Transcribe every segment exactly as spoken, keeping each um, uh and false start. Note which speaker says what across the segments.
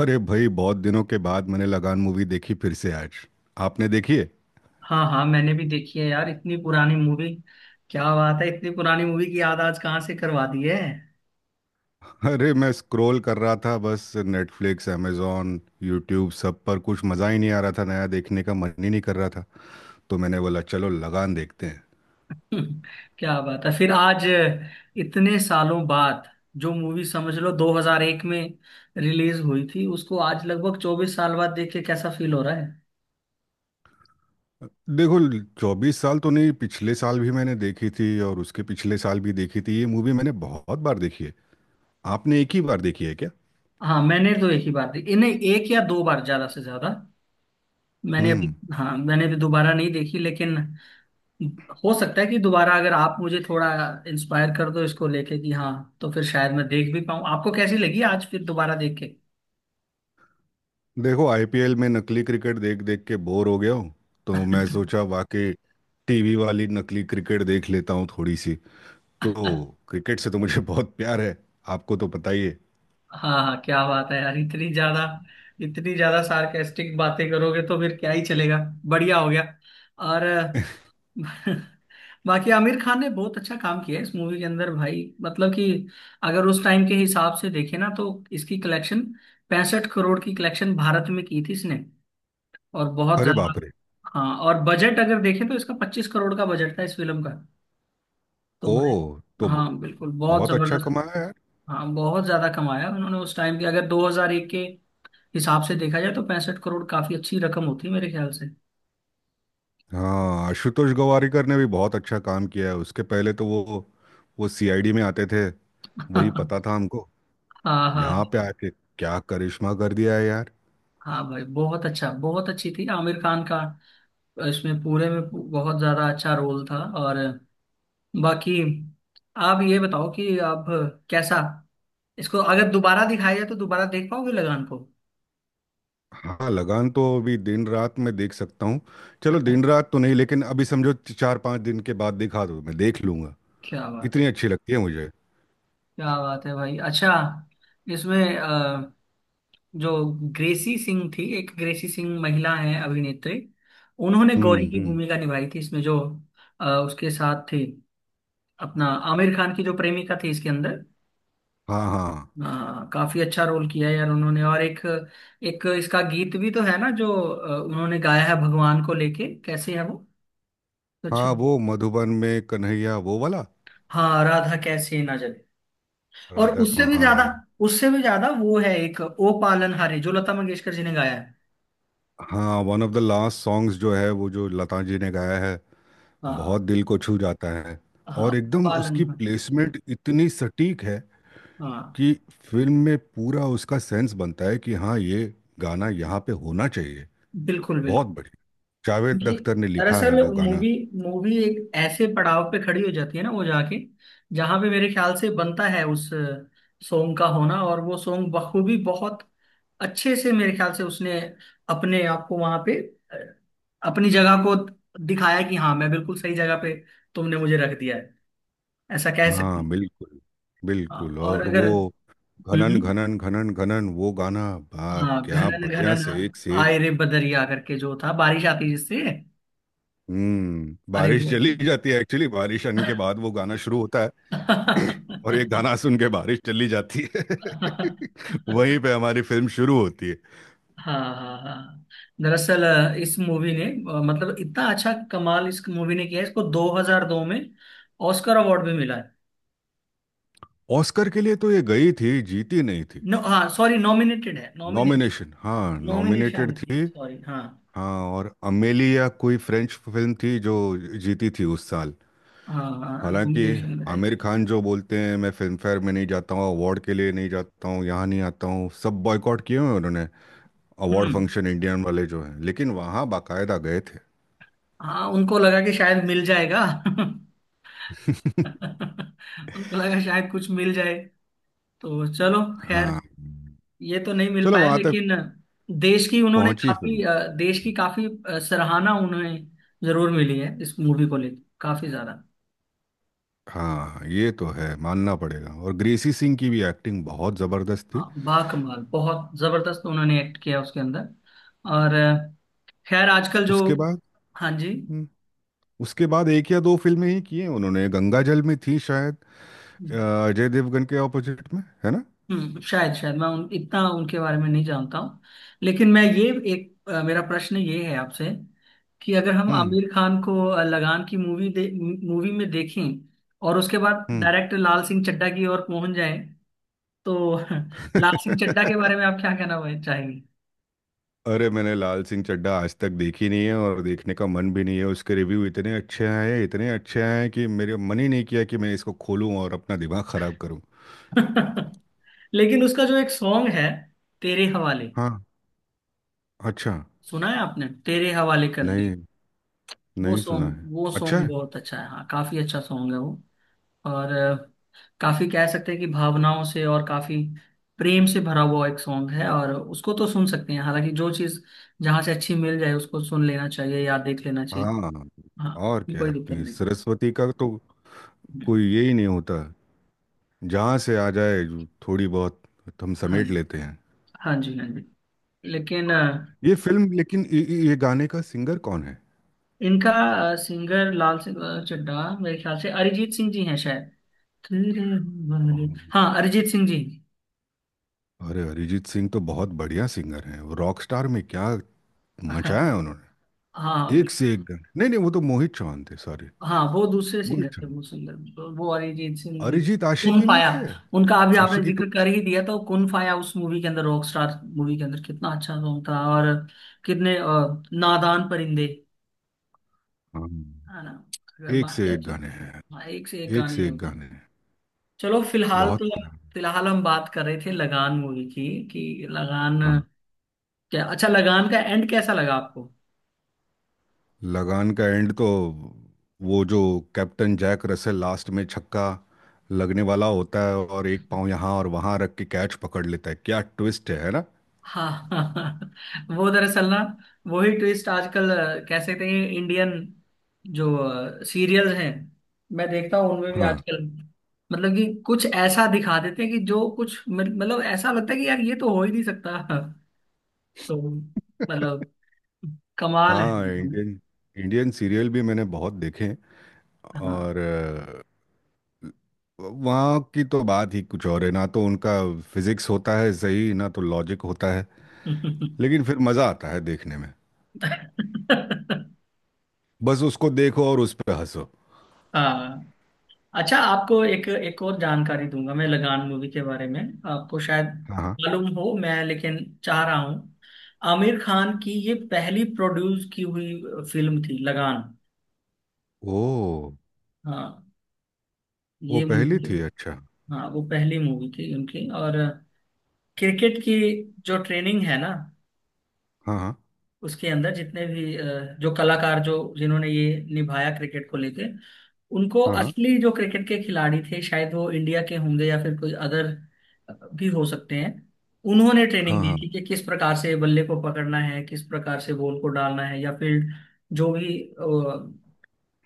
Speaker 1: अरे भाई बहुत दिनों के बाद मैंने लगान मूवी देखी फिर से आज। आपने देखी है?
Speaker 2: हाँ हाँ, मैंने भी देखी है यार इतनी पुरानी मूवी। क्या बात है, इतनी पुरानी मूवी की याद आज कहाँ से करवा दी है?
Speaker 1: अरे मैं स्क्रॉल कर रहा था बस, नेटफ्लिक्स अमेज़ॉन यूट्यूब सब पर कुछ मज़ा ही नहीं आ रहा था। नया देखने का मन ही नहीं कर रहा था। तो मैंने बोला चलो लगान देखते हैं।
Speaker 2: क्या बात है फिर आज, इतने सालों बाद। जो मूवी समझ लो दो हज़ार एक में रिलीज हुई थी, उसको आज लगभग चौबीस साल बाद देख के कैसा फील हो रहा है?
Speaker 1: देखो, चौबीस साल तो नहीं, पिछले साल भी मैंने देखी थी और उसके पिछले साल भी देखी थी। ये मूवी मैंने बहुत बार देखी है। आपने एक ही बार देखी है क्या?
Speaker 2: हाँ, मैंने तो एक ही बार देखी नहीं, एक या दो बार ज्यादा से ज्यादा। मैंने
Speaker 1: हम्म।
Speaker 2: अभी हाँ, मैंने भी दोबारा नहीं देखी, लेकिन हो सकता है कि दोबारा अगर आप मुझे थोड़ा इंस्पायर कर दो इसको लेके कि हाँ, तो फिर शायद मैं देख भी पाऊँ। आपको कैसी लगी आज फिर दोबारा देख के?
Speaker 1: देखो, आईपीएल में नकली क्रिकेट देख देख के बोर हो गया हूँ। तो मैं सोचा वाकई टीवी वाली नकली क्रिकेट देख लेता हूँ थोड़ी सी। तो क्रिकेट से तो मुझे बहुत प्यार है। आपको तो पता ही है।
Speaker 2: हाँ हाँ, क्या बात है यार। इतनी ज्यादा इतनी ज्यादा सार्केस्टिक बातें करोगे तो फिर क्या ही चलेगा। बढ़िया हो गया। और अ, बाकी आमिर खान ने बहुत अच्छा काम किया है इस मूवी के अंदर भाई। मतलब कि अगर उस टाइम के हिसाब से देखे ना, तो इसकी कलेक्शन, पैंसठ करोड़ की कलेक्शन भारत में की थी इसने। और बहुत
Speaker 1: अरे
Speaker 2: ज्यादा।
Speaker 1: बाप रे।
Speaker 2: हाँ, और बजट अगर देखें तो इसका पच्चीस करोड़ का बजट था इस फिल्म का। तो
Speaker 1: ओ।
Speaker 2: भाई,
Speaker 1: तो
Speaker 2: हाँ बिल्कुल, बहुत
Speaker 1: बहुत अच्छा
Speaker 2: जबरदस्त।
Speaker 1: कमाया यार।
Speaker 2: हाँ, बहुत ज्यादा कमाया उन्होंने। उस टाइम के अगर दो हज़ार एक के हिसाब से देखा जाए तो पैंसठ करोड़ काफी अच्छी रकम होती है मेरे ख्याल से।
Speaker 1: हाँ, आशुतोष गवारीकर ने भी बहुत अच्छा काम किया है। उसके पहले तो वो वो सीआईडी में आते थे। वही
Speaker 2: हाँ
Speaker 1: पता था हमको।
Speaker 2: हाँ।
Speaker 1: यहाँ पे आके क्या करिश्मा कर दिया है यार।
Speaker 2: हाँ भाई बहुत अच्छा, बहुत अच्छी थी। आमिर खान का इसमें पूरे में पू- बहुत ज्यादा अच्छा रोल था। और बाकी, आप ये बताओ कि आप कैसा, इसको अगर दोबारा दिखाया जाए तो दोबारा देख पाओगे लगान को?
Speaker 1: हाँ, लगान तो अभी दिन रात में देख सकता हूँ। चलो दिन रात तो नहीं, लेकिन अभी समझो च- चार पांच दिन के बाद दिखा दो, मैं देख लूंगा।
Speaker 2: क्या बात है।
Speaker 1: इतनी अच्छी लगती है मुझे।
Speaker 2: क्या बात है भाई। अच्छा, इसमें अ, जो ग्रेसी सिंह थी, एक ग्रेसी सिंह महिला है अभिनेत्री, उन्होंने
Speaker 1: हम्म
Speaker 2: गौरी की
Speaker 1: हम्म।
Speaker 2: भूमिका निभाई थी इसमें। जो अ, उसके साथ थी अपना, आमिर खान की जो प्रेमिका थी इसके अंदर,
Speaker 1: हाँ हाँ
Speaker 2: अ, काफी अच्छा रोल किया है यार उन्होंने। और एक, एक इसका गीत भी तो है ना, जो अ, उन्होंने गाया है भगवान को लेके, कैसे है वो कुछ।
Speaker 1: हाँ, वो मधुबन में कन्हैया वो वाला।
Speaker 2: हाँ, राधा कैसे ना जले। और
Speaker 1: राजा
Speaker 2: उससे
Speaker 1: का
Speaker 2: भी
Speaker 1: हाँ
Speaker 2: ज्यादा,
Speaker 1: है।
Speaker 2: उससे भी ज्यादा वो है एक ओ पालन हारे, जो लता मंगेशकर जी ने गाया है।
Speaker 1: हाँ, one of the last songs जो है, वो जो लता जी ने गाया है।
Speaker 2: हाँ।
Speaker 1: बहुत दिल को छू जाता है।
Speaker 2: हाँ,
Speaker 1: और एकदम
Speaker 2: पालन
Speaker 1: उसकी
Speaker 2: मत।
Speaker 1: प्लेसमेंट इतनी सटीक है
Speaker 2: हाँ,
Speaker 1: कि फिल्म में पूरा उसका सेंस बनता है कि हाँ, ये गाना यहाँ पे होना चाहिए।
Speaker 2: बिल्कुल बिल्कुल।
Speaker 1: बहुत बढ़िया। जावेद
Speaker 2: क्योंकि
Speaker 1: अख्तर ने लिखा है
Speaker 2: दरअसल
Speaker 1: वो गाना।
Speaker 2: मूवी मूवी एक ऐसे पड़ाव पे खड़ी हो जाती है ना, वो जाके, जहाँ पे मेरे ख्याल से बनता है उस सॉन्ग का होना। और वो सॉन्ग बखूबी, बहुत अच्छे से, मेरे ख्याल से उसने अपने आप को वहां पे, अ, अपनी जगह को दिखाया, कि हाँ मैं बिल्कुल सही जगह पे, तुमने मुझे रख दिया है, ऐसा कह सकती
Speaker 1: हाँ
Speaker 2: हूँ।
Speaker 1: बिल्कुल।
Speaker 2: हाँ,
Speaker 1: बिल्कुल।
Speaker 2: और
Speaker 1: और वो
Speaker 2: अगर, हम्म
Speaker 1: घनन
Speaker 2: हम्म,
Speaker 1: घनन घनन घनन वो गाना बा
Speaker 2: हाँ
Speaker 1: क्या
Speaker 2: घनन
Speaker 1: बढ़िया,
Speaker 2: घनन
Speaker 1: से एक से एक।
Speaker 2: आए रे बदरिया करके जो था, बारिश आती जिससे।
Speaker 1: हम्म
Speaker 2: अरे
Speaker 1: बारिश
Speaker 2: वो
Speaker 1: चली जाती है, एक्चुअली बारिश आने के बाद वो गाना शुरू होता है। और एक गाना सुन के बारिश चली जाती है वहीं पे हमारी फिल्म शुरू होती है।
Speaker 2: हाँ हाँ हाँ। दरअसल अ, इस मूवी ने, अ, मतलब इतना अच्छा कमाल इस मूवी ने किया है, इसको दो हज़ार दो में ऑस्कर अवार्ड भी मिला है।
Speaker 1: ऑस्कर के लिए तो ये गई थी, जीती नहीं थी।
Speaker 2: नो, हाँ सॉरी, नॉमिनेटेड है, नॉमिनेटेड।
Speaker 1: नॉमिनेशन, हाँ,
Speaker 2: नॉमिनेशन
Speaker 1: नॉमिनेटेड
Speaker 2: में थी,
Speaker 1: थी।
Speaker 2: सॉरी हाँ।
Speaker 1: हाँ, और अमेलिया कोई फ्रेंच फिल्म थी जो जीती थी उस साल।
Speaker 2: हाँ हाँ,
Speaker 1: हालांकि
Speaker 2: नॉमिनेशन में रही।
Speaker 1: आमिर खान जो बोलते हैं, मैं फिल्म फेयर में नहीं जाता हूँ, अवार्ड के लिए नहीं जाता हूँ, यहाँ नहीं आता हूँ, सब बॉयकॉट किए हुए हैं उन्होंने अवार्ड
Speaker 2: हम्म।
Speaker 1: फंक्शन इंडियन वाले जो हैं, लेकिन वहाँ बाकायदा गए थे।
Speaker 2: हाँ, उनको लगा कि शायद मिल जाएगा। उनको लगा शायद कुछ मिल जाए। तो चलो खैर,
Speaker 1: हाँ।
Speaker 2: ये तो नहीं मिल
Speaker 1: चलो
Speaker 2: पाया,
Speaker 1: वहाँ तक
Speaker 2: लेकिन देश की उन्होंने
Speaker 1: पहुँची
Speaker 2: काफी
Speaker 1: फिल्म।
Speaker 2: अ, देश की काफी अ, सराहना उन्हें जरूर मिली है इस मूवी को लेकर, काफी ज्यादा।
Speaker 1: हाँ ये तो है, मानना पड़ेगा। और ग्रेसी सिंह की भी एक्टिंग बहुत ज़बरदस्त थी।
Speaker 2: हाँ, बाकमाल, बहुत जबरदस्त उन्होंने एक्ट किया उसके अंदर। और अ, खैर, आजकल जो।
Speaker 1: उसके बाद।
Speaker 2: हाँ जी।
Speaker 1: हम्म। उसके बाद एक या दो फिल्में ही की हैं उन्होंने। गंगा जल में थी शायद, अ, अजय देवगन के ऑपोजिट में, है ना?
Speaker 2: हम्म शायद शायद मैं उन, इतना उनके बारे में नहीं जानता हूँ। लेकिन मैं ये एक, अ, मेरा प्रश्न ये है आपसे, कि अगर हम
Speaker 1: हम्म
Speaker 2: आमिर खान को अ, लगान की मूवी दे, मूवी में देखें, और उसके बाद डायरेक्ट लाल सिंह चड्ढा की ओर पहुंच जाए, तो लाल
Speaker 1: हम्म।
Speaker 2: सिंह चड्ढा के बारे में आप क्या कहना वह- चाहेंगे?
Speaker 1: अरे, मैंने लाल सिंह चड्ढा आज तक देखी नहीं है और देखने का मन भी नहीं है। उसके रिव्यू इतने अच्छे आए हैं, इतने अच्छे आए हैं कि मेरे मन ही नहीं किया कि मैं इसको खोलूं और अपना दिमाग खराब करूं।
Speaker 2: लेकिन उसका जो एक सॉन्ग है, तेरे हवाले,
Speaker 1: हाँ। अच्छा।
Speaker 2: सुना है आपने, तेरे हवाले कर दी।
Speaker 1: नहीं।
Speaker 2: वो
Speaker 1: नहीं सुना है।
Speaker 2: सॉन्ग वो
Speaker 1: अच्छा
Speaker 2: सॉन्ग
Speaker 1: है।
Speaker 2: बहुत अच्छा है। हाँ, काफी अच्छा सॉन्ग है वो। और अ, काफी कह सकते हैं कि भावनाओं से और काफी प्रेम से भरा हुआ एक सॉन्ग है। और उसको तो सुन सकते हैं, हालांकि जो चीज जहां से अच्छी मिल जाए, उसको सुन लेना चाहिए या देख लेना चाहिए।
Speaker 1: हाँ,
Speaker 2: हाँ,
Speaker 1: और
Speaker 2: उसमें
Speaker 1: क्या,
Speaker 2: कोई दिक्कत
Speaker 1: अपनी
Speaker 2: नहीं।
Speaker 1: सरस्वती का तो
Speaker 2: हम्म,
Speaker 1: कोई ये ही नहीं होता। जहाँ से आ जाए जो थोड़ी बहुत, तो हम
Speaker 2: हाँ जी,
Speaker 1: समेट लेते हैं।
Speaker 2: हाँ जी हाँ जी। लेकिन अ,
Speaker 1: ये फिल्म लेकिन ये, ये ये गाने का सिंगर कौन है?
Speaker 2: इनका सिंगर, लाल सिंह अ, चड्ढा, मेरे ख्याल से अरिजीत सिंह जी हैं शायद। तेरे हमारे- हाँ, अरिजीत सिंह जी।
Speaker 1: अरे, अरिजीत सिंह तो बहुत बढ़िया सिंगर हैं। वो रॉक स्टार में क्या मचाया है उन्होंने।
Speaker 2: हाँ
Speaker 1: एक से एक गाने। नहीं नहीं, वो तो मोहित चौहान थे, सॉरी।
Speaker 2: हाँ, वो दूसरे सिंगर
Speaker 1: मोहित
Speaker 2: थे।
Speaker 1: चौहान।
Speaker 2: वो सिंगर, वो वो अरिजीत सिंह नहीं।
Speaker 1: अरिजीत
Speaker 2: कुन
Speaker 1: आशिकी में
Speaker 2: फाया,
Speaker 1: थे।
Speaker 2: उनका अभी आपने
Speaker 1: आशिकी टू।
Speaker 2: जिक्र कर ही दिया, तो कुन फाया उस मूवी के अंदर, रॉक स्टार मूवी के अंदर, कितना अच्छा सॉन्ग था। और कितने अ, नादान परिंदे,
Speaker 1: हाँ
Speaker 2: है ना, अगर
Speaker 1: एक से
Speaker 2: बाकी
Speaker 1: एक
Speaker 2: अच्छे।
Speaker 1: गाने हैं।
Speaker 2: हाँ, एक से एक
Speaker 1: एक
Speaker 2: गाने
Speaker 1: से
Speaker 2: हैं
Speaker 1: एक
Speaker 2: उनके।
Speaker 1: गाने हैं।
Speaker 2: चलो फिलहाल
Speaker 1: बहुत
Speaker 2: तो,
Speaker 1: मजा आया।
Speaker 2: फिलहाल हम बात कर रहे थे लगान मूवी की। कि लगान,
Speaker 1: हाँ।
Speaker 2: क्या अच्छा, लगान का एंड कैसा लगा आपको?
Speaker 1: लगान का एंड तो वो जो कैप्टन जैक रसेल लास्ट में छक्का लगने वाला होता है और एक पाँव यहाँ और वहाँ रख के कैच पकड़ लेता है। क्या ट्विस्ट है है ना।
Speaker 2: हाँ हाँ हाँ, वो दरअसल ना, वही ट्विस्ट आजकल अ, कह सकते हैं इंडियन जो सीरियल्स हैं, मैं देखता हूँ, उनमें भी
Speaker 1: हाँ
Speaker 2: आजकल मतलब कि कुछ ऐसा दिखा देते हैं कि जो कुछ मत- मतलब ऐसा लगता है कि यार ये तो हो ही नहीं सकता। तो मतलब कमाल है।
Speaker 1: हाँ इंडियन इंडियन सीरियल भी मैंने बहुत देखे।
Speaker 2: हाँ।
Speaker 1: और वहाँ की तो बात ही कुछ और है ना। तो उनका फिजिक्स होता है, सही ना, तो लॉजिक होता है। लेकिन फिर मज़ा आता है देखने में। बस उसको देखो और उस पर हंसो।
Speaker 2: हाँ। अच्छा, आपको एक, एक और जानकारी दूंगा मैं लगान मूवी के बारे में। आपको शायद
Speaker 1: हाँ हाँ।
Speaker 2: मालूम हो मैं, लेकिन चाह रहा हूँ, आमिर खान की ये पहली प्रोड्यूस की हुई फिल्म थी लगान।
Speaker 1: ओ।
Speaker 2: हाँ,
Speaker 1: वो
Speaker 2: ये
Speaker 1: पहली
Speaker 2: मूवी,
Speaker 1: थी, अच्छा।
Speaker 2: हाँ वो पहली मूवी थी उनकी। और क्रिकेट की जो ट्रेनिंग है ना,
Speaker 1: हाँ हाँ
Speaker 2: उसके अंदर जितने भी अ, जो कलाकार, जो जिन्होंने ये निभाया क्रिकेट को लेके, उनको
Speaker 1: हाँ।
Speaker 2: असली जो क्रिकेट के खिलाड़ी थे, शायद वो इंडिया के होंगे या फिर कोई अदर भी हो सकते हैं, उन्होंने
Speaker 1: हाँ
Speaker 2: ट्रेनिंग
Speaker 1: हाँ
Speaker 2: दी
Speaker 1: हाँ
Speaker 2: थी कि किस प्रकार से बल्ले को पकड़ना है, किस प्रकार से बॉल को डालना है, या फील्ड, जो भी अ,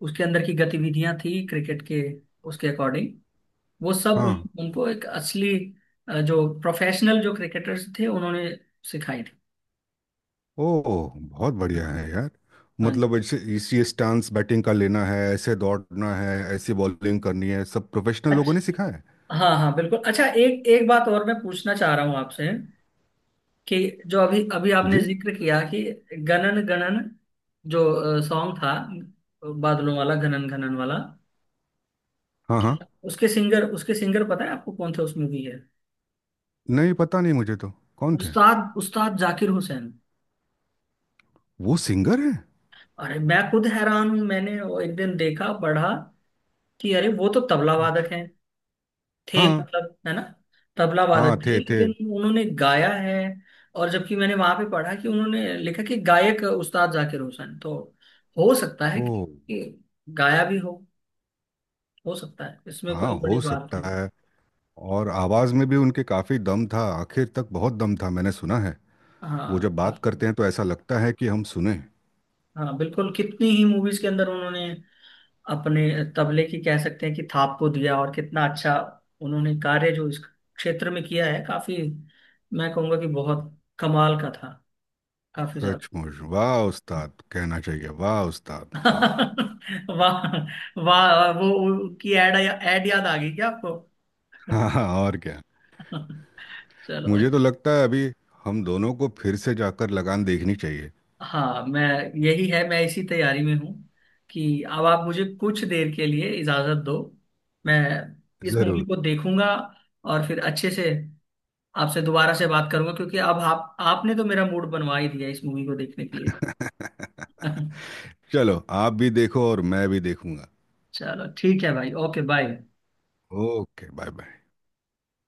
Speaker 2: उसके अंदर की गतिविधियां थी क्रिकेट के, उसके अकॉर्डिंग वो सब उन,
Speaker 1: हाँ।
Speaker 2: उनको एक असली अ, जो प्रोफेशनल, जो क्रिकेटर्स थे, उन्होंने सिखाई थी।
Speaker 1: ओ, बहुत बढ़िया है यार।
Speaker 2: हाँ
Speaker 1: मतलब ऐसे इसी स्टांस बैटिंग का लेना है, ऐसे दौड़ना है, ऐसी बॉलिंग करनी है, सब प्रोफेशनल लोगों ने
Speaker 2: जी।
Speaker 1: सिखाया है।
Speaker 2: हाँ हाँ बिल्कुल। अच्छा, एक, एक बात और मैं पूछना चाह रहा हूँ आपसे, कि जो अभी अभी आपने
Speaker 1: जी।
Speaker 2: जिक्र किया, कि गणन गणन जो सॉन्ग था, बादलों वाला गणन गणन वाला,
Speaker 1: हाँ हाँ।
Speaker 2: क्या उसके सिंगर, उसके सिंगर पता है आपको कौन थे उस मूवी के?
Speaker 1: नहीं, पता नहीं मुझे तो, कौन थे?
Speaker 2: उस्ताद, उस्ताद जाकिर हुसैन।
Speaker 1: वो सिंगर है?
Speaker 2: अरे मैं खुद हैरान हूँ, मैंने वो एक दिन देखा पढ़ा कि अरे वो तो तबला वादक है, थे
Speaker 1: हाँ
Speaker 2: मतलब, है ना? तबला
Speaker 1: हाँ
Speaker 2: वादक थे,
Speaker 1: थे थे।
Speaker 2: लेकिन उन्होंने गाया है। और जबकि मैंने वहां पे पढ़ा कि उन्होंने लिखा कि गायक उस्ताद जाकिर हुसैन, तो हो सकता है
Speaker 1: ओ।
Speaker 2: कि, कि गाया भी हो। हो सकता है, इसमें
Speaker 1: हाँ,
Speaker 2: कोई बड़ी
Speaker 1: हो
Speaker 2: बात
Speaker 1: सकता
Speaker 2: नहीं।
Speaker 1: है। और आवाज में भी उनके काफी दम था, आखिर तक बहुत दम था, मैंने सुना है। वो
Speaker 2: हाँ
Speaker 1: जब बात करते हैं तो ऐसा लगता है कि हम सुने।
Speaker 2: हाँ, बिल्कुल, कितनी ही मूवीज के अंदर उन्होंने अपने तबले की, कह सकते हैं कि थाप को दिया। और कितना अच्छा उन्होंने कार्य जो इस क्षेत्र में किया है, काफी, मैं कहूँगा कि बहुत कमाल का था, काफी ज्यादा।
Speaker 1: सचमुच, वाह उस्ताद कहना चाहिए, वाह उस्ताद वाह।
Speaker 2: वाह। वाह, वो उनकी एड, एड याद आ गई क्या आपको?
Speaker 1: हाँ हाँ, और क्या।
Speaker 2: चलो
Speaker 1: मुझे
Speaker 2: अच्छा।
Speaker 1: तो लगता है अभी हम दोनों को फिर से जाकर लगान देखनी चाहिए।
Speaker 2: हाँ मैं, यही है, मैं इसी तैयारी में हूँ कि अब आप मुझे कुछ देर के लिए इजाजत दो, मैं इस मूवी
Speaker 1: जरूर।
Speaker 2: को देखूंगा। और फिर अच्छे से आपसे दोबारा से बात करूंगा, क्योंकि अब आप, आपने तो मेरा मूड बनवा ही दिया इस मूवी को देखने के लिए।
Speaker 1: चलो आप भी देखो और मैं भी देखूंगा।
Speaker 2: चलो ठीक है भाई, okay bye.
Speaker 1: Okay bye bye.